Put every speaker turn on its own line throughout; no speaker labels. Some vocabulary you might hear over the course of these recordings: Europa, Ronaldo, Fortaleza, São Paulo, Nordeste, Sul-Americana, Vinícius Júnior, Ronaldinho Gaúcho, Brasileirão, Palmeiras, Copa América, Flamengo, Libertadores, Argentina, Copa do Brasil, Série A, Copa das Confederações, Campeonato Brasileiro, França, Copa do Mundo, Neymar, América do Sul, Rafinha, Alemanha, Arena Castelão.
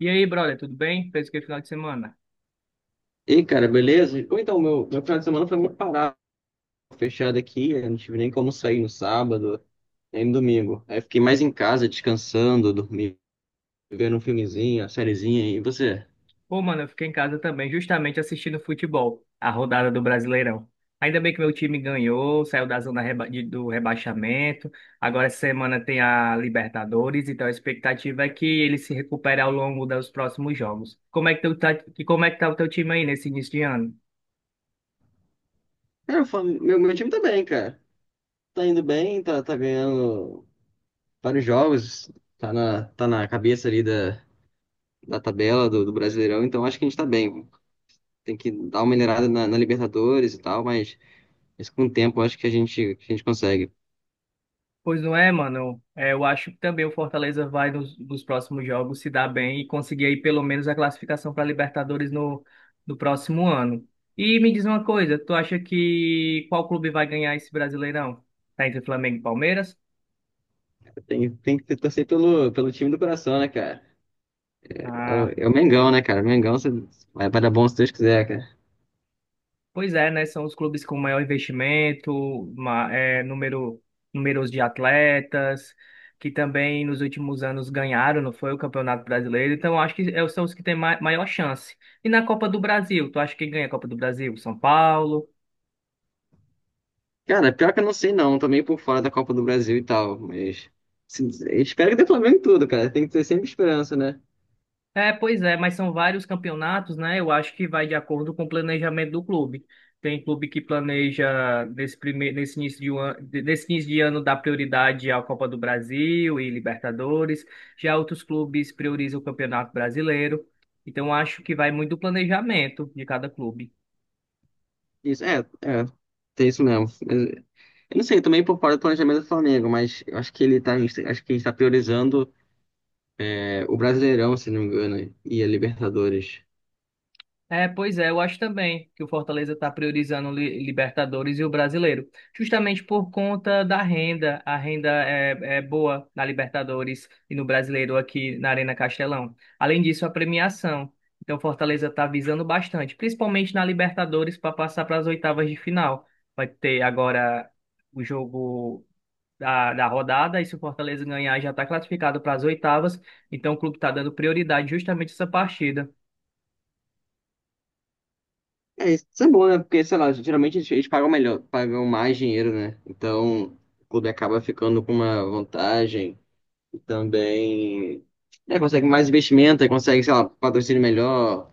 E aí, brother, tudo bem? Fez o que final de semana?
E aí, cara, beleza? Ou então, meu final de semana foi muito parado, fechado aqui, eu não tive nem como sair no sábado, nem no domingo. Aí fiquei mais em casa, descansando, dormindo, vendo um filmezinho, uma sériezinha. E você?
Pô, mano, eu fiquei em casa também, justamente assistindo futebol, a rodada do Brasileirão. Ainda bem que meu time ganhou, saiu da zona do rebaixamento. Agora essa semana tem a Libertadores, então a expectativa é que ele se recupere ao longo dos próximos jogos. Como é que tu tá, e como é que tá o teu time aí nesse início de ano?
Cara, meu time tá bem, cara. Tá indo bem, tá ganhando vários jogos, tá na cabeça ali da tabela do Brasileirão, então acho que a gente tá bem. Tem que dar uma minerada na Libertadores e tal, mas com o tempo acho que a gente consegue.
Pois não é, mano. É, eu acho que também o Fortaleza vai nos próximos jogos se dar bem e conseguir aí pelo menos a classificação para Libertadores no próximo ano. E me diz uma coisa, tu acha que qual clube vai ganhar esse Brasileirão? Tá entre Flamengo e Palmeiras?
Tem que torcer pelo time do coração, né, cara? É o,
Ah.
é o Mengão, né, cara? O Mengão se- vai, vai dar bom se Deus quiser, cara.
Pois é, né? São os clubes com maior investimento, ma- é, número, números de atletas, que também nos últimos anos ganharam, não foi, o Campeonato Brasileiro. Então, acho que são os que têm maior chance. E na Copa do Brasil, tu acha que ganha a Copa do Brasil? São Paulo?
Cara, pior que eu não sei não, tô meio por fora da Copa do Brasil e tal, mas se- espero que dê Flamengo em tudo, cara. Tem que ter sempre esperança, né?
É, pois é, mas são vários campeonatos, né? Eu acho que vai de acordo com o planejamento do clube. Tem clube que planeja nesse primeiro, nesse início de, um an- de- nesse início de ano dá prioridade à Copa do Brasil e Libertadores. Já outros clubes priorizam o Campeonato Brasileiro. Então acho que vai muito do planejamento de cada clube.
Isso, é, é, tem isso mesmo. Mas, eu não sei, tô meio por fora do planejamento do Flamengo, mas eu acho que ele tá, acho que ele tá priorizando o Brasileirão, se não me engano, e a Libertadores.
É, pois é, eu acho também que o Fortaleza está priorizando Libertadores e o Brasileiro, justamente por conta da renda. A renda é boa na Libertadores e no Brasileiro aqui na Arena Castelão. Além disso, a premiação. Então, o Fortaleza está visando bastante, principalmente na Libertadores, para passar para as oitavas de final. Vai ter agora o jogo da rodada, e se o Fortaleza ganhar, já está classificado para as oitavas. Então, o clube está dando prioridade justamente a essa partida.
É, isso é bom, né? Porque, sei lá, geralmente eles pagam melhor, pagam mais dinheiro, né? Então, o clube acaba ficando com uma vantagem e também, né, consegue mais investimento, aí consegue, sei lá, patrocínio melhor,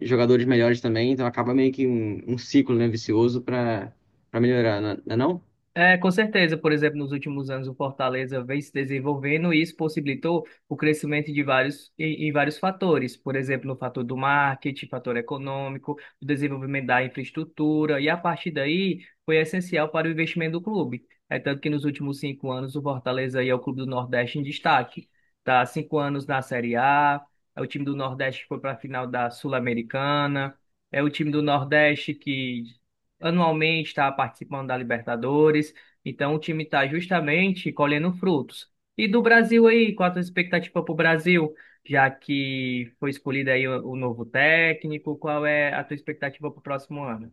jogadores melhores também, então acaba meio que um ciclo, né, vicioso para melhorar, né? Não é não? é
É, com certeza, por exemplo, nos últimos anos o Fortaleza vem se desenvolvendo e isso possibilitou o crescimento de vários, em vários fatores, por exemplo, no fator do marketing, fator econômico, o desenvolvimento da infraestrutura, e a partir daí foi essencial para o investimento do clube. É tanto que nos últimos cinco anos o Fortaleza aí é o clube do Nordeste em destaque. Tá há cinco anos na Série A, é o time do Nordeste que foi para a final da Sul-Americana, é o time do Nordeste que anualmente está participando da Libertadores, então o time está justamente colhendo frutos. E do Brasil aí, qual a tua expectativa para o Brasil, já que foi escolhido aí o novo técnico, qual é a tua expectativa para o próximo ano?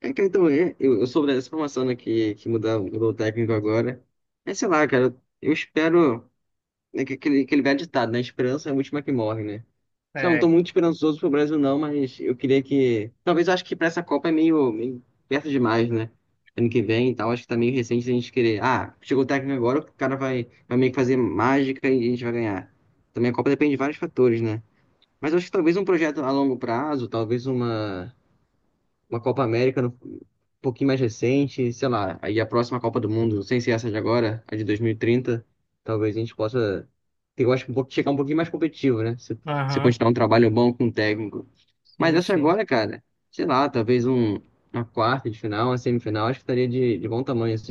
É, cara, então, é, eu soube dessa informação, né, que mudou o técnico agora. É, sei lá, cara, eu espero. É que aquele velho ditado, né? Esperança é a última que morre, né? Já não tô
É,
muito esperançoso pro Brasil, não, mas eu queria que. Talvez eu acho que pra essa Copa é meio, meio perto demais, né? Ano que vem e tal, acho que tá meio recente a gente querer. Ah, chegou o técnico agora, o cara vai, vai meio que fazer mágica e a gente vai ganhar. Também a Copa depende de vários fatores, né? Mas eu acho que talvez um projeto a longo prazo, talvez uma Copa América um pouquinho mais recente, sei lá, aí a próxima Copa do Mundo, sem ser essa de agora, a de 2030, talvez a gente possa, eu acho que um pouco, chegar um pouquinho mais competitivo, né? Se
aham,
continuar um trabalho bom com o técnico. Mas
sim,
essa
sim.
agora, cara, sei lá, talvez um, uma quarta de final, uma semifinal, acho que estaria de bom tamanho, assim.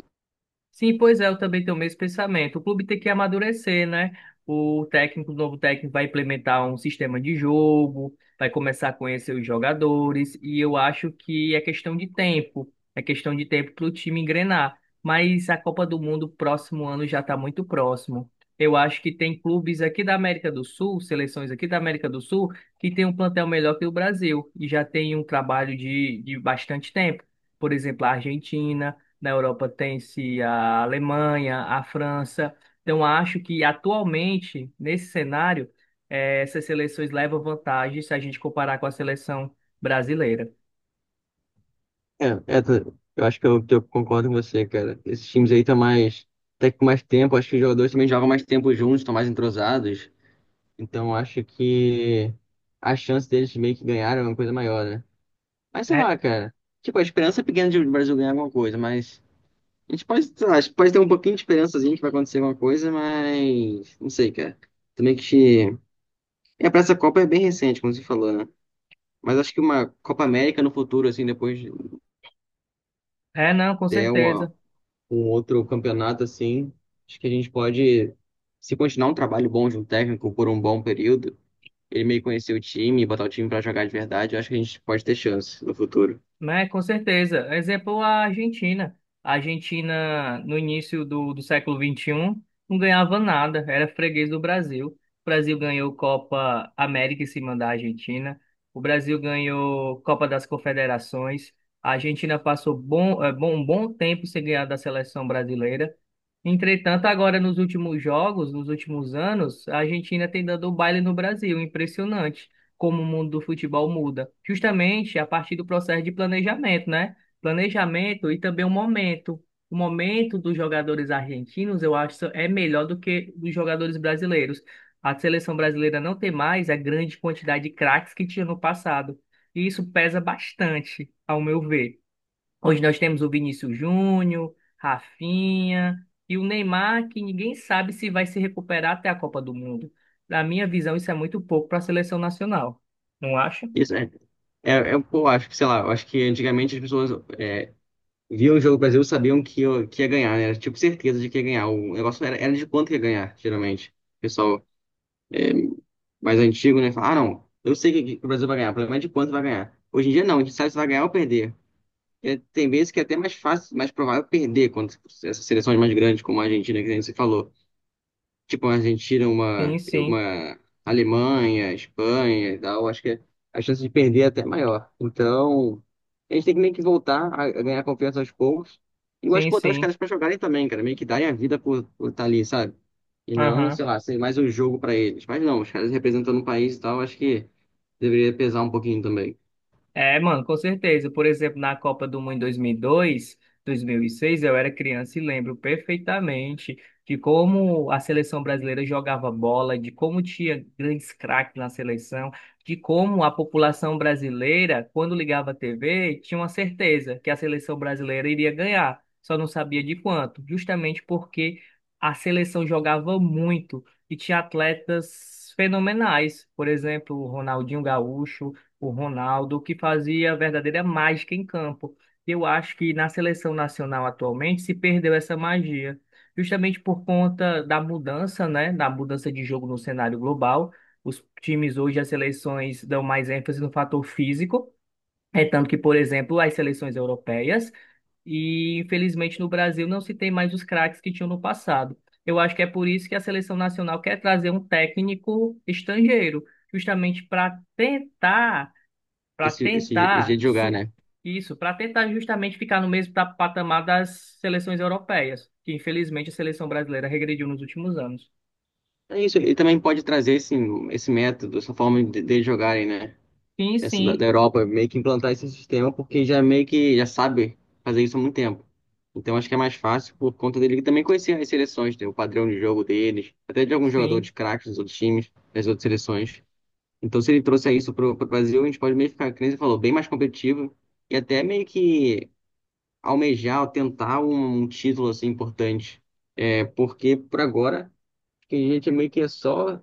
Sim, pois é, eu também tenho o mesmo pensamento. O clube tem que amadurecer, né? O técnico, o novo técnico vai implementar um sistema de jogo, vai começar a conhecer os jogadores, e eu acho que é questão de tempo, é questão de tempo para o time engrenar. Mas a Copa do Mundo próximo ano já está muito próximo. Eu acho que tem clubes aqui da América do Sul, seleções aqui da América do Sul, que tem um plantel melhor que o Brasil e já tem um trabalho de bastante tempo. Por exemplo, a Argentina. Na Europa tem-se a Alemanha, a França. Então, acho que atualmente, nesse cenário, essas seleções levam vantagem se a gente comparar com a seleção brasileira.
É, é, tô- eu acho que eu concordo com você, cara. Esses times aí estão mais, até que com mais tempo, acho que os jogadores também jogam mais tempo juntos, estão mais entrosados. Então eu acho que a chance deles meio que ganharem é uma coisa maior, né? Mas sei
É,
lá, cara. Tipo, a esperança é pequena de o Brasil ganhar alguma coisa, mas a gente pode, sei lá, a gente pode ter um pouquinho de esperançazinha que vai acontecer alguma coisa, mas não sei, cara. Também que é pra essa Copa é bem recente, como você falou, né? Mas acho que uma Copa América no futuro, assim, depois de
não, com
ter uma-
certeza.
um outro campeonato assim, acho que a gente pode, se continuar um trabalho bom de um técnico por um bom período ele meio conhecer o time, botar o time pra jogar de verdade, eu acho que a gente pode ter chance no futuro.
Né, com certeza. Exemplo, a Argentina. A Argentina, no início do século XXI não ganhava nada, era freguês do Brasil. O Brasil ganhou Copa América em cima da Argentina. O Brasil ganhou Copa das Confederações. A Argentina passou bom, um bom tempo sem ganhar da seleção brasileira. Entretanto, agora nos últimos jogos, nos últimos anos, a Argentina tem dado o baile no Brasil. Impressionante como o mundo do futebol muda. Justamente a partir do processo de planejamento, né? Planejamento e também o momento. O momento dos jogadores argentinos, eu acho, é melhor do que dos jogadores brasileiros. A seleção brasileira não tem mais a grande quantidade de craques que tinha no passado. E isso pesa bastante, ao meu ver. Hoje nós temos o Vinícius Júnior, Rafinha e o Neymar, que ninguém sabe se vai se recuperar até a Copa do Mundo. Na minha visão, isso é muito pouco para a seleção nacional. Não acha?
Isso é, é, é pô, acho que, sei lá, eu acho que antigamente as pessoas, é, viam o jogo do Brasil e sabiam que ia ganhar, né? Era tipo certeza de que ia ganhar. O negócio era de quanto que ia ganhar, geralmente. O pessoal mais antigo, né? Fala, ah, não, eu sei que o Brasil vai ganhar, o problema é de quanto vai ganhar. Hoje em dia não, a gente sabe se vai ganhar ou perder. E tem vezes que é até mais fácil, mais provável perder contra essas seleções mais grandes, como a Argentina, que nem você falou. Tipo uma Argentina,
Sim,
uma,
sim.
uma Alemanha, Espanha e tal, acho que a chance de perder é até maior. Então, a gente tem que meio que voltar a ganhar confiança aos poucos. E eu acho
Sim,
que botar os
sim.
caras pra jogarem também, cara, meio que darem a vida por estar ali, sabe? E não,
Aham.
sei lá, ser mais um jogo pra eles. Mas não, os caras representando o país e tal, acho que deveria pesar um pouquinho também.
É, mano, com certeza. Por exemplo, na Copa do Mundo em 2002, 2006, eu era criança e lembro perfeitamente de como a seleção brasileira jogava bola, de como tinha grandes craques na seleção, de como a população brasileira, quando ligava a TV, tinha uma certeza que a seleção brasileira iria ganhar, só não sabia de quanto, justamente porque a seleção jogava muito e tinha atletas fenomenais, por exemplo, o Ronaldinho Gaúcho, o Ronaldo, que fazia a verdadeira mágica em campo. Eu acho que na seleção nacional atualmente se perdeu essa magia, justamente por conta da mudança, né, da mudança de jogo no cenário global. Os times hoje, as seleções dão mais ênfase no fator físico. É tanto que, por exemplo, as seleções europeias e, infelizmente, no Brasil não se tem mais os craques que tinham no passado. Eu acho que é por isso que a seleção nacional quer trazer um técnico estrangeiro, justamente para
Esse jeito
tentar
de jogar, né?
isso, para tentar justamente ficar no mesmo patamar das seleções europeias, que infelizmente a seleção brasileira regrediu nos últimos anos.
É isso, ele também pode trazer esse, esse método, essa forma de jogarem, né?
Sim,
Essa da
sim,
Europa meio que implantar esse sistema porque já meio que já sabe fazer isso há muito tempo. Então acho que é mais fácil por conta dele também conhecer as seleções, né, o padrão de jogo deles, até de alguns jogadores
sim,
craques dos outros times, das outras seleções. Então se ele trouxer isso pro Brasil, a gente pode meio que ficar, como você falou, bem mais competitivo e até meio que almejar, ou tentar um, um título assim importante. É, porque por agora acho que a gente meio que é só,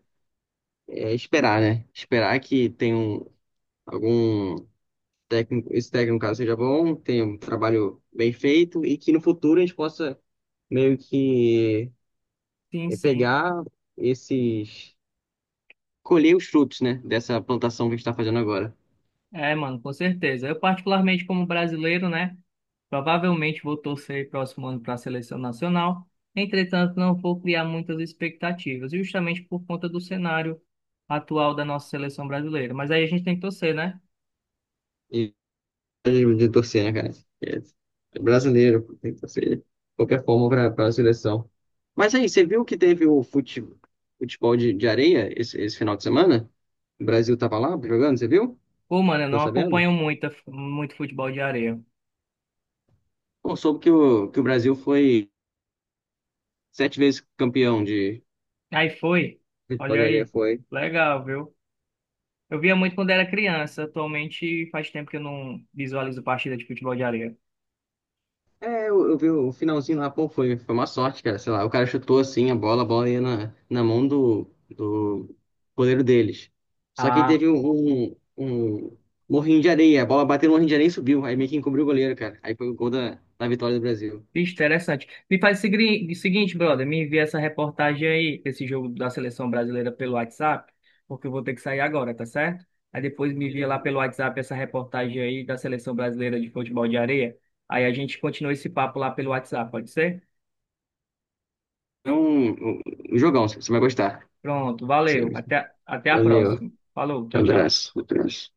é, esperar, né? Esperar que tenha um, algum técnico, esse técnico, no caso, seja bom, tenha um trabalho bem feito e que no futuro a gente possa meio que,
sim,
eh,
sim.
pegar esses, colher os frutos, né, dessa plantação que a gente está fazendo agora.
É, mano, com certeza. Eu particularmente como brasileiro, né, provavelmente vou torcer próximo ano para a seleção nacional. Entretanto, não vou criar muitas expectativas, justamente por conta do cenário atual da nossa seleção brasileira. Mas aí a gente tem que torcer, né?
E de torcer, né, cara? É, é brasileiro, tem que torcer de qualquer forma para a seleção. Mas aí, você viu que teve futebol de areia esse final de semana? O Brasil tava lá jogando, você viu?
Pô, mano, eu
Ficou
não
sabendo?
acompanho muito, muito futebol de areia.
Pô, soube que o Brasil foi sete vezes campeão de,
Aí foi.
futebol
Olha
de areia,
aí.
foi.
Legal, viu? Eu via muito quando era criança. Atualmente faz tempo que eu não visualizo partida de futebol de areia.
É, eu vi o finalzinho lá, pô, foi, foi uma sorte, cara. Sei lá, o cara chutou assim a bola ia na mão do goleiro deles. Só que aí
Ah,
teve um morrinho de areia, a bola bateu no morrinho de areia e subiu. Aí meio que encobriu o goleiro, cara. Aí foi o gol da vitória do Brasil.
bicho, interessante. Me faz o o seguinte, brother. Me envia essa reportagem aí, esse jogo da seleção brasileira pelo WhatsApp, porque eu vou ter que sair agora, tá certo? Aí depois me envia lá
Beleza,
pelo
beleza.
WhatsApp essa reportagem aí da seleção brasileira de futebol de areia. Aí a gente continua esse papo lá pelo WhatsApp, pode ser?
Então, um um jogão, você vai gostar.
Pronto, valeu. Até, até a
Valeu,
próxima. Falou, tchau, tchau.
abraço, abraço.